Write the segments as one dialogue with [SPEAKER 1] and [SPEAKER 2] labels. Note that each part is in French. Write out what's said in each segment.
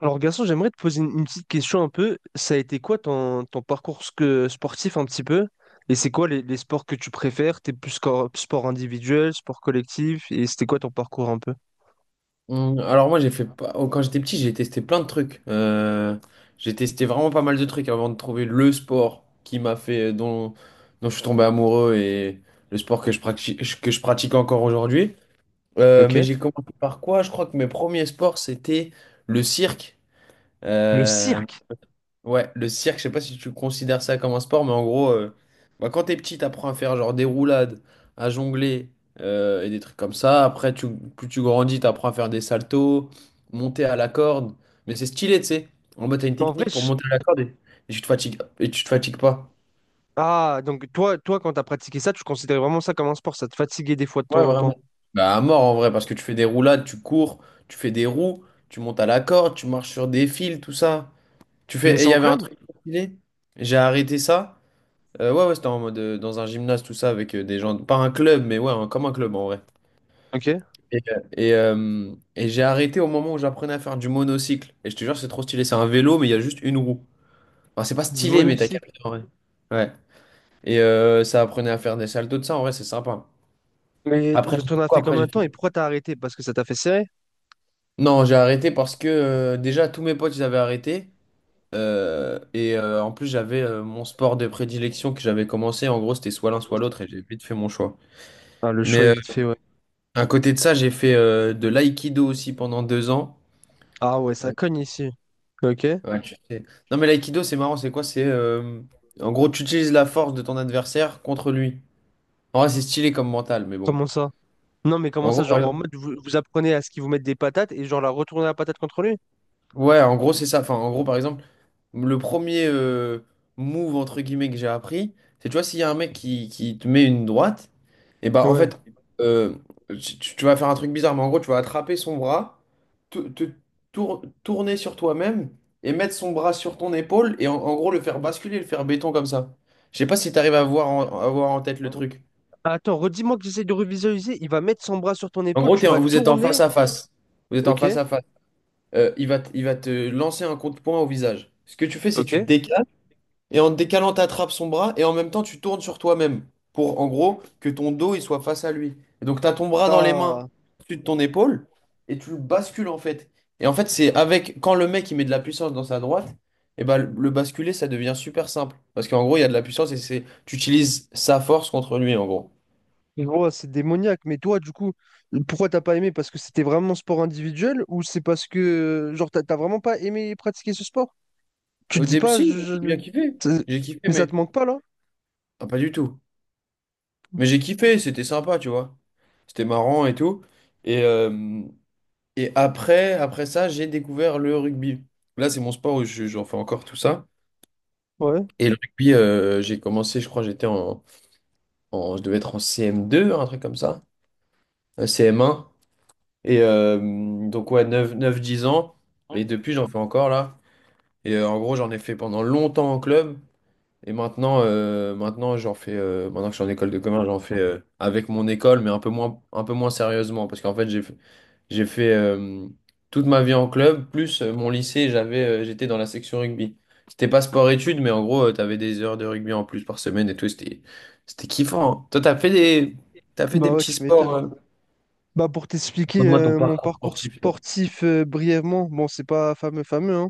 [SPEAKER 1] Alors, garçon, j'aimerais te poser une petite question un peu. Ça a été quoi ton parcours sportif un petit peu? Et c'est quoi les sports que tu préfères? T'es plus sport individuel, sport collectif? Et c'était quoi ton parcours un peu?
[SPEAKER 2] Alors moi j'ai fait pas... oh, quand j'étais petit j'ai testé plein de trucs. J'ai testé vraiment pas mal de trucs avant de trouver le sport qui m'a fait dont je suis tombé amoureux et le sport que je pratique encore aujourd'hui.
[SPEAKER 1] Ok.
[SPEAKER 2] Mais j'ai commencé par quoi? Je crois que mes premiers sports c'était le cirque.
[SPEAKER 1] Le
[SPEAKER 2] Euh,
[SPEAKER 1] cirque.
[SPEAKER 2] Ouais, le cirque, je sais pas si tu considères ça comme un sport, mais en gros, bah, quand t'es petit, t'apprends à faire genre des roulades, à jongler et des trucs comme ça. Après, plus tu grandis, t'apprends à faire des saltos, monter à la corde. Mais c'est stylé, tu sais. En mode, t'as une
[SPEAKER 1] En vrai,
[SPEAKER 2] technique pour
[SPEAKER 1] je-
[SPEAKER 2] monter à la corde, et tu te fatigues, et tu te fatigues pas.
[SPEAKER 1] Ah, donc toi, quand t'as pratiqué ça, tu considérais vraiment ça comme un sport. Ça te fatiguait des fois de
[SPEAKER 2] Ouais,
[SPEAKER 1] temps en
[SPEAKER 2] vraiment.
[SPEAKER 1] temps.
[SPEAKER 2] Bah, à mort en vrai, parce que tu fais des roulades, tu cours, tu fais des roues, tu montes à la corde, tu marches sur des fils, tout ça. Tu
[SPEAKER 1] Tu faisais
[SPEAKER 2] fais. Et il
[SPEAKER 1] ça
[SPEAKER 2] y
[SPEAKER 1] en
[SPEAKER 2] avait un
[SPEAKER 1] club?
[SPEAKER 2] truc stylé, j'ai arrêté ça. Ouais, ouais, c'était en mode dans un gymnase, tout ça, avec des gens. Pas un club, mais ouais, comme un club en vrai.
[SPEAKER 1] Ok.
[SPEAKER 2] Et j'ai arrêté au moment où j'apprenais à faire du monocycle. Et je te jure, c'est trop stylé. C'est un vélo, mais il y a juste une roue. Enfin, c'est pas
[SPEAKER 1] Du
[SPEAKER 2] stylé, mais t'as
[SPEAKER 1] monocycle.
[SPEAKER 2] capté en vrai. Ouais. Ça apprenait à faire des saltos de ça, en vrai, c'est sympa.
[SPEAKER 1] Mais
[SPEAKER 2] Après,
[SPEAKER 1] donc
[SPEAKER 2] j'ai
[SPEAKER 1] t'en
[SPEAKER 2] fait
[SPEAKER 1] as
[SPEAKER 2] quoi?
[SPEAKER 1] fait
[SPEAKER 2] Après,
[SPEAKER 1] combien de
[SPEAKER 2] j'ai
[SPEAKER 1] temps
[SPEAKER 2] fait.
[SPEAKER 1] et pourquoi t'as arrêté? Parce que ça t'a fait serrer?
[SPEAKER 2] Non, j'ai arrêté parce que déjà, tous mes potes, ils avaient arrêté. En plus, j'avais mon sport de prédilection que j'avais commencé. En gros, c'était soit
[SPEAKER 1] En
[SPEAKER 2] l'un,
[SPEAKER 1] gros,
[SPEAKER 2] soit
[SPEAKER 1] c'était-
[SPEAKER 2] l'autre, et j'ai vite fait mon choix.
[SPEAKER 1] Ah, le choix est
[SPEAKER 2] Mais
[SPEAKER 1] vite fait, ouais.
[SPEAKER 2] à côté de ça, j'ai fait de l'aïkido aussi pendant 2 ans.
[SPEAKER 1] Ah ouais, ça
[SPEAKER 2] Ouais.
[SPEAKER 1] cogne ici. Ok.
[SPEAKER 2] Ouais. Non, mais l'aïkido, c'est marrant, c'est quoi? C'est En gros, tu utilises la force de ton adversaire contre lui. En vrai, c'est stylé comme mental, mais bon.
[SPEAKER 1] Comment ça? Non, mais comment
[SPEAKER 2] En
[SPEAKER 1] ça,
[SPEAKER 2] gros, par
[SPEAKER 1] genre en
[SPEAKER 2] exemple-
[SPEAKER 1] mode vous, vous apprenez à ce qu'ils vous mettent des patates et genre la retourner la patate contre lui?
[SPEAKER 2] Ouais, en gros, c'est ça. Enfin, en gros, par exemple. Le premier move entre guillemets que j'ai appris, c'est tu vois, s'il y a un mec qui te met une droite, et bah en
[SPEAKER 1] Ouais.
[SPEAKER 2] fait, euh, tu vas faire un truc bizarre, mais en gros, tu vas attraper son bras, te tourner sur toi-même et mettre son bras sur ton épaule et en gros le faire basculer, le faire béton comme ça. Je sais pas si tu arrives à voir à voir en tête le truc.
[SPEAKER 1] Ah, attends, redis-moi que j'essaie de revisualiser. Il va mettre son bras sur ton
[SPEAKER 2] En
[SPEAKER 1] épaule,
[SPEAKER 2] gros,
[SPEAKER 1] tu vas
[SPEAKER 2] vous êtes en face
[SPEAKER 1] tourner.
[SPEAKER 2] à face. Vous êtes en
[SPEAKER 1] Ok,
[SPEAKER 2] face à face. Il va, il va te lancer un coup de poing au visage. Ce que tu fais, c'est tu te
[SPEAKER 1] ok.
[SPEAKER 2] décales. Et en te décalant, t'attrapes son bras et en même temps, tu tournes sur toi-même pour, en gros, que ton dos il soit face à lui. Et donc, tu as ton bras dans les mains
[SPEAKER 1] Ah,
[SPEAKER 2] au-dessus de ton épaule et tu le bascules en fait. Et en fait, c'est avec quand le mec il met de la puissance dans sa droite, et ben le basculer ça devient super simple parce qu'en gros, il y a de la puissance et c'est tu utilises sa force contre lui en gros.
[SPEAKER 1] je vois, c'est démoniaque. Mais toi, du coup, pourquoi t'as pas aimé? Parce que c'était vraiment sport individuel ou c'est parce que, genre, t'as vraiment pas aimé pratiquer ce sport? Tu te
[SPEAKER 2] Au
[SPEAKER 1] dis
[SPEAKER 2] début,
[SPEAKER 1] pas,
[SPEAKER 2] si,
[SPEAKER 1] je,
[SPEAKER 2] j'ai
[SPEAKER 1] je-
[SPEAKER 2] bien kiffé.
[SPEAKER 1] c'est-
[SPEAKER 2] J'ai kiffé,
[SPEAKER 1] mais ça te
[SPEAKER 2] mais
[SPEAKER 1] manque pas là?
[SPEAKER 2] ah, pas du tout. Mais j'ai kiffé, c'était sympa, tu vois. C'était marrant et tout. Et, euh, Et après, après ça, j'ai découvert le rugby. Là, c'est mon sport où j'en fais encore tout ça.
[SPEAKER 1] Ouais,
[SPEAKER 2] Et le rugby, j'ai commencé, je crois, j'étais je devais être en CM2, un truc comme ça, un CM1. Et euh, donc, ouais, 9, 9, 10 ans. Et depuis, j'en fais encore là. En gros, j'en ai fait pendant longtemps en club. Et maintenant, maintenant j'en fais, maintenant que je suis en école de commerce, j'en fais avec mon école, mais un peu moins sérieusement, parce qu'en fait, j'ai fait toute ma vie en club, plus mon lycée, j'étais dans la section rugby. C'était pas sport-études, mais en gros, tu t'avais des heures de rugby en plus par semaine et tout, c'était kiffant, hein. Toi, t'as fait des
[SPEAKER 1] bah ouais,
[SPEAKER 2] petits
[SPEAKER 1] tu
[SPEAKER 2] sports,
[SPEAKER 1] m'étonnes. Bah pour t'expliquer
[SPEAKER 2] raconte-moi ton
[SPEAKER 1] mon
[SPEAKER 2] parcours
[SPEAKER 1] parcours
[SPEAKER 2] sportif, toi.
[SPEAKER 1] sportif brièvement, bon, c'est pas fameux fameux, hein.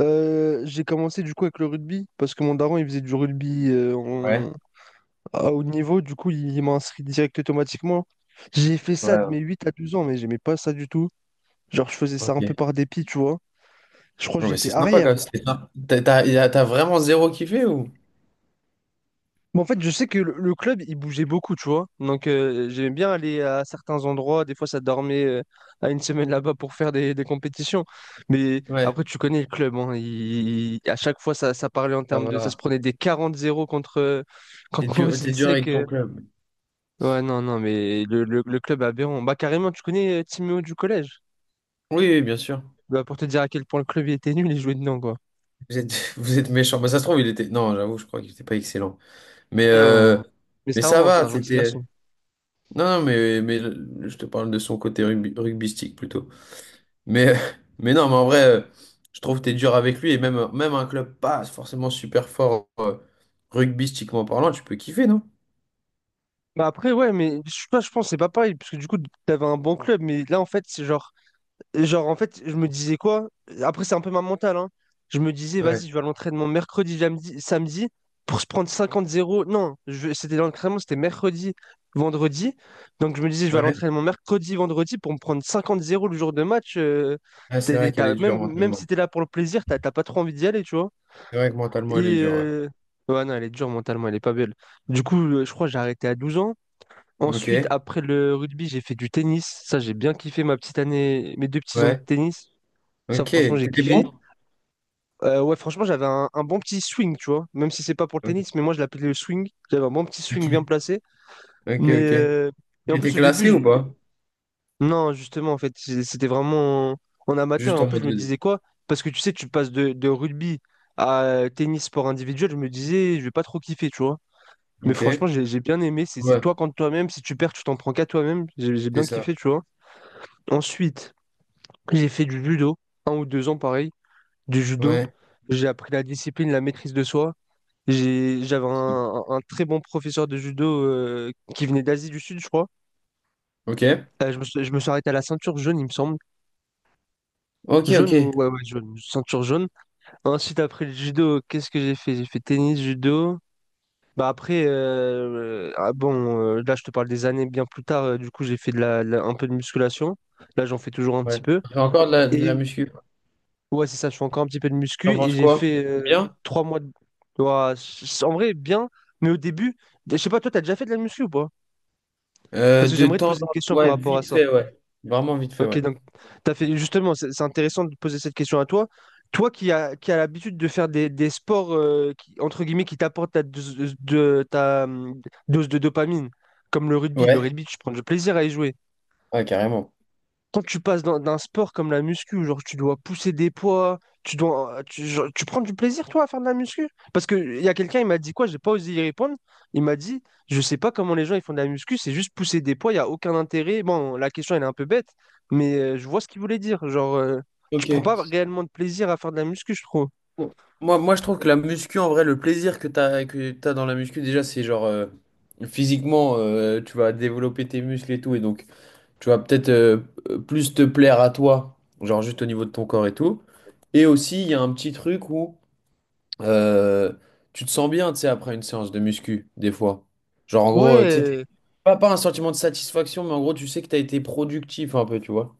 [SPEAKER 1] J'ai commencé du coup avec le rugby parce que mon daron il faisait du rugby
[SPEAKER 2] Ouais,
[SPEAKER 1] à haut niveau, du coup il m'a inscrit direct automatiquement. J'ai fait
[SPEAKER 2] ouais,
[SPEAKER 1] ça de mes
[SPEAKER 2] ouais,
[SPEAKER 1] 8 à 12 ans, mais j'aimais pas ça du tout. Genre je faisais ça
[SPEAKER 2] ok.
[SPEAKER 1] un peu par dépit, tu vois. Je crois que
[SPEAKER 2] Non, mais
[SPEAKER 1] j'étais
[SPEAKER 2] c'est sympa quand même,
[SPEAKER 1] arrière.
[SPEAKER 2] c'était sympa. T'as vraiment zéro kiffé ou?
[SPEAKER 1] Mais en fait, je sais que le club, il bougeait beaucoup, tu vois. Donc, j'aimais bien aller à certains endroits. Des fois, ça dormait à une semaine là-bas pour faire des compétitions. Mais
[SPEAKER 2] Ouais,
[SPEAKER 1] après, tu connais le club, hein. À chaque fois, ça parlait en
[SPEAKER 2] ça
[SPEAKER 1] termes de... Ça se
[SPEAKER 2] va.
[SPEAKER 1] prenait des 40-0 contre, euh, contre
[SPEAKER 2] T'es dur
[SPEAKER 1] Mozilsec.
[SPEAKER 2] avec ton club.
[SPEAKER 1] Ouais, non, non, mais le club aberrant. Bah, carrément, tu connais Timéo du collège.
[SPEAKER 2] Oui, oui, bien sûr.
[SPEAKER 1] Bah, pour te dire à quel point le club il était nul, il jouait dedans, quoi.
[SPEAKER 2] Vous êtes, vous êtes méchant. Bah, ça se trouve, il était. Non, j'avoue, je crois qu'il était pas excellent. Mais, euh,
[SPEAKER 1] Non. Mais
[SPEAKER 2] mais
[SPEAKER 1] c'était un
[SPEAKER 2] ça
[SPEAKER 1] bon, c'était un
[SPEAKER 2] va,
[SPEAKER 1] gentil
[SPEAKER 2] c'était.
[SPEAKER 1] garçon.
[SPEAKER 2] Non, non, mais je te parle de son côté rugby, rugbystique plutôt. Mais, mais non, mais en vrai, je trouve que t'es dur avec lui. Et même, même un club pas forcément super fort rugbystiquement parlant, tu peux kiffer, non?
[SPEAKER 1] Bah après, ouais, mais je sais pas, je pense que c'est pas pareil, parce que du coup, t'avais un bon club, mais là, en fait, c'est genre, en fait, je me disais quoi? Après, c'est un peu ma mentale, hein. Je me disais,
[SPEAKER 2] Ouais,
[SPEAKER 1] vas-y, je vais à l'entraînement mercredi, samedi, pour se prendre 50-0. Non. C'était l'entraînement, c'était mercredi, vendredi. Donc, je me disais, je vais à
[SPEAKER 2] ouais.
[SPEAKER 1] l'entraînement mercredi, vendredi, pour me prendre 50-0 le jour de match. euh,
[SPEAKER 2] Ah, c'est vrai
[SPEAKER 1] t'es-
[SPEAKER 2] qu'elle
[SPEAKER 1] t'as-
[SPEAKER 2] est dure
[SPEAKER 1] même, même si
[SPEAKER 2] mentalement.
[SPEAKER 1] t'es là pour le plaisir, t'as pas trop envie d'y aller, tu vois.
[SPEAKER 2] C'est vrai que mentalement, elle est
[SPEAKER 1] Et,
[SPEAKER 2] dure, ouais.
[SPEAKER 1] ouais, non, elle est dure mentalement, elle est pas belle. Du coup, je crois que j'ai arrêté à 12 ans. Ensuite,
[SPEAKER 2] Ok,
[SPEAKER 1] après le rugby, j'ai fait du tennis. Ça, j'ai bien kiffé ma petite année, mes 2 petits ans de
[SPEAKER 2] ouais.
[SPEAKER 1] tennis. Ça,
[SPEAKER 2] Ok,
[SPEAKER 1] franchement, j'ai
[SPEAKER 2] t'étais
[SPEAKER 1] kiffé.
[SPEAKER 2] bon?
[SPEAKER 1] Ouais, franchement, j'avais un bon petit swing, tu vois. Même si c'est pas pour le tennis, mais moi, je l'appelais le swing. J'avais un bon petit swing bien
[SPEAKER 2] Ok,
[SPEAKER 1] placé.
[SPEAKER 2] ok,
[SPEAKER 1] Mais
[SPEAKER 2] ok.
[SPEAKER 1] et en
[SPEAKER 2] Il
[SPEAKER 1] plus,
[SPEAKER 2] était
[SPEAKER 1] au début,
[SPEAKER 2] classé ou pas?
[SPEAKER 1] non, justement, en fait, c'était vraiment en amateur. Et
[SPEAKER 2] Juste
[SPEAKER 1] en
[SPEAKER 2] en
[SPEAKER 1] plus, je
[SPEAKER 2] mode
[SPEAKER 1] me
[SPEAKER 2] 2D.
[SPEAKER 1] disais quoi? Parce que tu sais, tu passes de rugby à tennis sport individuel. Je me disais, je vais pas trop kiffer, tu vois. Mais
[SPEAKER 2] Ok.
[SPEAKER 1] franchement, j'ai bien aimé. C'est
[SPEAKER 2] Ouais,
[SPEAKER 1] toi contre toi-même. Si tu perds, tu t'en prends qu'à toi-même. J'ai
[SPEAKER 2] c'est
[SPEAKER 1] bien
[SPEAKER 2] ça.
[SPEAKER 1] kiffé, tu vois. Ensuite, j'ai fait du judo, 1 ou 2 ans pareil, du judo.
[SPEAKER 2] Ouais.
[SPEAKER 1] J'ai appris la discipline, la maîtrise de soi. J'avais un très bon professeur de judo qui venait d'Asie du Sud, je crois.
[SPEAKER 2] Ok.
[SPEAKER 1] Je me suis arrêté à la ceinture jaune, il me semble.
[SPEAKER 2] Ok, ok.
[SPEAKER 1] Jaune ou ouais, ouais, jaune, ceinture jaune. Ensuite, après le judo, qu'est-ce que j'ai fait? J'ai fait tennis, judo. Bah après, ah bon, là je te parle des années bien plus tard. Du coup, j'ai fait de la un peu de musculation. Là, j'en fais toujours un petit
[SPEAKER 2] Ouais.
[SPEAKER 1] peu.
[SPEAKER 2] On fait encore de la
[SPEAKER 1] Et
[SPEAKER 2] muscu.
[SPEAKER 1] Ouais, c'est ça, je fais encore un petit peu de muscu
[SPEAKER 2] T'en
[SPEAKER 1] et
[SPEAKER 2] penses
[SPEAKER 1] j'ai
[SPEAKER 2] quoi?
[SPEAKER 1] fait
[SPEAKER 2] Bien?
[SPEAKER 1] 3 mois de. Ouah, en vrai, bien, mais au début, je sais pas, toi, t'as déjà fait de la muscu ou pas? Parce que
[SPEAKER 2] De
[SPEAKER 1] j'aimerais te
[SPEAKER 2] temps en
[SPEAKER 1] poser une
[SPEAKER 2] temps.
[SPEAKER 1] question par
[SPEAKER 2] Ouais,
[SPEAKER 1] rapport à
[SPEAKER 2] vite
[SPEAKER 1] ça.
[SPEAKER 2] fait, ouais. Vraiment vite fait,
[SPEAKER 1] Ok,
[SPEAKER 2] ouais.
[SPEAKER 1] donc, t'as fait, justement, c'est intéressant de te poser cette question à toi. Toi qui as qui a l'habitude de faire des sports, qui, entre guillemets, qui t'apportent ta dose de dopamine, comme le rugby. Le
[SPEAKER 2] Ouais.
[SPEAKER 1] rugby, tu prends du plaisir à y jouer.
[SPEAKER 2] Ouais, carrément.
[SPEAKER 1] Quand tu passes d'un sport comme la muscu, où genre tu dois pousser des poids, tu dois, tu, genre, tu prends du plaisir toi à faire de la muscu? Parce que il y a quelqu'un, il m'a dit quoi, j'ai pas osé y répondre. Il m'a dit, je sais pas comment les gens ils font de la muscu, c'est juste pousser des poids, il y a aucun intérêt. Bon, la question elle est un peu bête, mais je vois ce qu'il voulait dire. Genre, tu
[SPEAKER 2] Ok.
[SPEAKER 1] prends pas réellement de plaisir à faire de la muscu, je trouve.
[SPEAKER 2] Bon. Moi, je trouve que la muscu, en vrai, le plaisir que t'as dans la muscu, déjà, c'est genre, physiquement, tu vas développer tes muscles et tout. Et donc, tu vas peut-être plus te plaire à toi, genre juste au niveau de ton corps et tout. Et aussi, il y a un petit truc où euh, tu te sens bien, tu sais, après une séance de muscu, des fois. Genre, en gros, tu sais,
[SPEAKER 1] Ouais,
[SPEAKER 2] pas un sentiment de satisfaction, mais en gros, tu sais que tu as été productif un peu, tu vois.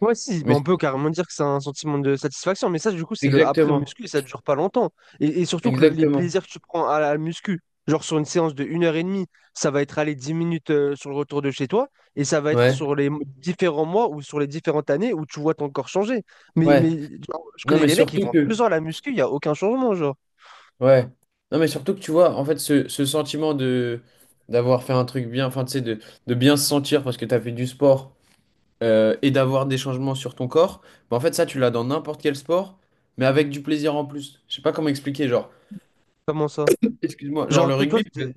[SPEAKER 1] ouais, si, mais on
[SPEAKER 2] Mais
[SPEAKER 1] peut carrément dire que c'est un sentiment de satisfaction, mais ça, du coup, c'est le après
[SPEAKER 2] exactement,
[SPEAKER 1] muscu et ça dure pas longtemps. Et surtout que les
[SPEAKER 2] exactement.
[SPEAKER 1] plaisirs que tu prends à la muscu, genre sur une séance de 1 heure et demie, ça va être aller 10 minutes sur le retour de chez toi, et ça va être
[SPEAKER 2] Ouais,
[SPEAKER 1] sur les différents mois ou sur les différentes années où tu vois ton corps changer. Mais,
[SPEAKER 2] ouais.
[SPEAKER 1] mais genre, je
[SPEAKER 2] Non,
[SPEAKER 1] connais
[SPEAKER 2] mais
[SPEAKER 1] des mecs qui
[SPEAKER 2] surtout
[SPEAKER 1] font deux
[SPEAKER 2] que,
[SPEAKER 1] heures à la muscu, il n'y a aucun changement, genre.
[SPEAKER 2] ouais. Non, mais surtout que tu vois, en fait, ce sentiment de d'avoir fait un truc bien, enfin, tu sais, de bien se sentir parce que tu as fait du sport et d'avoir des changements sur ton corps. Bah, en fait, ça, tu l'as dans n'importe quel sport, mais avec du plaisir en plus. Je sais pas comment expliquer, genre,
[SPEAKER 1] Comment ça?
[SPEAKER 2] excuse-moi, genre
[SPEAKER 1] Genre,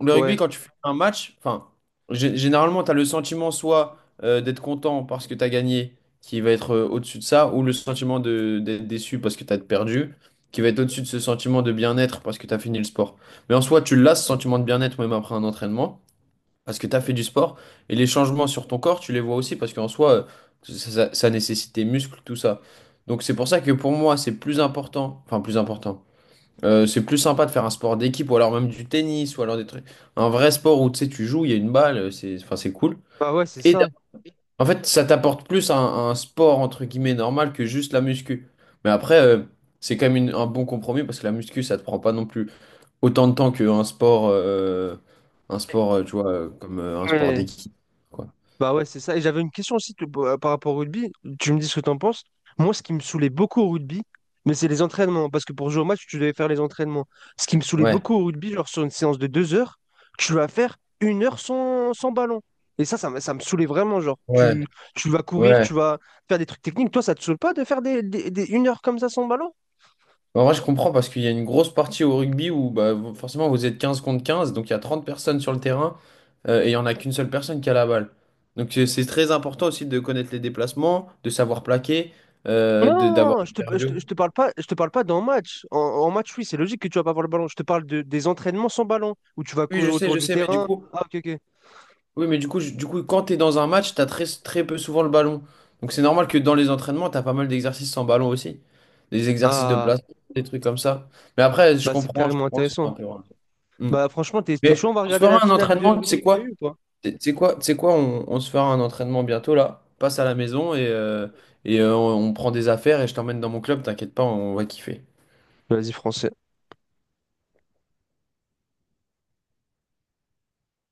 [SPEAKER 2] le rugby,
[SPEAKER 1] ouais,
[SPEAKER 2] quand tu fais un match, enfin, généralement, tu as le sentiment soit d'être content parce que tu as gagné, qui va être au-dessus de ça, ou le sentiment d'être déçu parce que tu as perdu, qui va être au-dessus de ce sentiment de bien-être parce que tu as fini le sport. Mais en soi, tu l'as, ce sentiment de bien-être, même après un entraînement parce que tu as fait du sport et les changements sur ton corps, tu les vois aussi parce qu'en soi, ça nécessite tes muscles, tout ça. Donc c'est pour ça que pour moi, c'est plus important, enfin plus important. C'est plus sympa de faire un sport d'équipe ou alors même du tennis ou alors des trucs. Un vrai sport où tu sais, tu joues, il y a une balle, c'est enfin, c'est cool.
[SPEAKER 1] bah ouais, c'est
[SPEAKER 2] Et d'a-
[SPEAKER 1] ça.
[SPEAKER 2] en fait, ça t'apporte plus un sport entre guillemets normal que juste la muscu. Mais après, c'est quand même un bon compromis parce que la muscu, ça te prend pas non plus autant de temps qu'un sport, tu vois, comme un sport
[SPEAKER 1] Ouais.
[SPEAKER 2] d'équipe, quoi.
[SPEAKER 1] Bah ouais, c'est ça. Et j'avais une question aussi par rapport au rugby. Tu me dis ce que t'en penses. Moi, ce qui me saoulait beaucoup au rugby, mais c'est les entraînements. Parce que pour jouer au match, tu devais faire les entraînements. Ce qui me saoulait
[SPEAKER 2] Ouais,
[SPEAKER 1] beaucoup au rugby, genre sur une séance de 2 heures, tu vas faire 1 heure sans ballon. Et ça me saoulait vraiment. Genre,
[SPEAKER 2] ouais,
[SPEAKER 1] tu vas courir,
[SPEAKER 2] ouais.
[SPEAKER 1] tu vas faire des trucs techniques. Toi, ça te saoule pas de faire 1 heure comme ça sans ballon?
[SPEAKER 2] En vrai, je comprends parce qu'il y a une grosse partie au rugby où bah, forcément vous êtes 15 contre 15, donc il y a 30 personnes sur le terrain et il n'y en a qu'une seule personne qui a la balle. Donc c'est très important aussi de connaître les déplacements, de savoir plaquer,
[SPEAKER 1] Non, non,
[SPEAKER 2] d'avoir
[SPEAKER 1] non, je
[SPEAKER 2] du
[SPEAKER 1] te, je
[SPEAKER 2] cardio.
[SPEAKER 1] te, je te parle pas, d'un match. En match, oui, c'est logique que tu vas pas avoir le ballon. Je te parle de, des entraînements sans ballon, où tu vas
[SPEAKER 2] Oui,
[SPEAKER 1] courir autour
[SPEAKER 2] je
[SPEAKER 1] du
[SPEAKER 2] sais, mais du
[SPEAKER 1] terrain.
[SPEAKER 2] coup,
[SPEAKER 1] Ah, ok, ok.
[SPEAKER 2] Oui, mais du coup, je- du coup, quand tu es dans un match, tu as très, très peu souvent le ballon. Donc c'est normal que dans les entraînements, tu as pas mal d'exercices sans ballon aussi. Des exercices de
[SPEAKER 1] Ah,
[SPEAKER 2] place, des trucs comme ça. Mais après,
[SPEAKER 1] bah c'est
[SPEAKER 2] je
[SPEAKER 1] carrément
[SPEAKER 2] comprends que ce soit un
[SPEAKER 1] intéressant.
[SPEAKER 2] peu loin. Mm.
[SPEAKER 1] Bah franchement, t'es
[SPEAKER 2] Mais
[SPEAKER 1] chaud, on va
[SPEAKER 2] on se
[SPEAKER 1] regarder la
[SPEAKER 2] fera un
[SPEAKER 1] finale de
[SPEAKER 2] entraînement, tu sais
[SPEAKER 1] rugby KU
[SPEAKER 2] quoi?
[SPEAKER 1] ou pas?
[SPEAKER 2] On se fera un entraînement bientôt là. Passe à la maison et on prend des affaires et je t'emmène dans mon club, t'inquiète pas, on va kiffer.
[SPEAKER 1] Vas-y, français.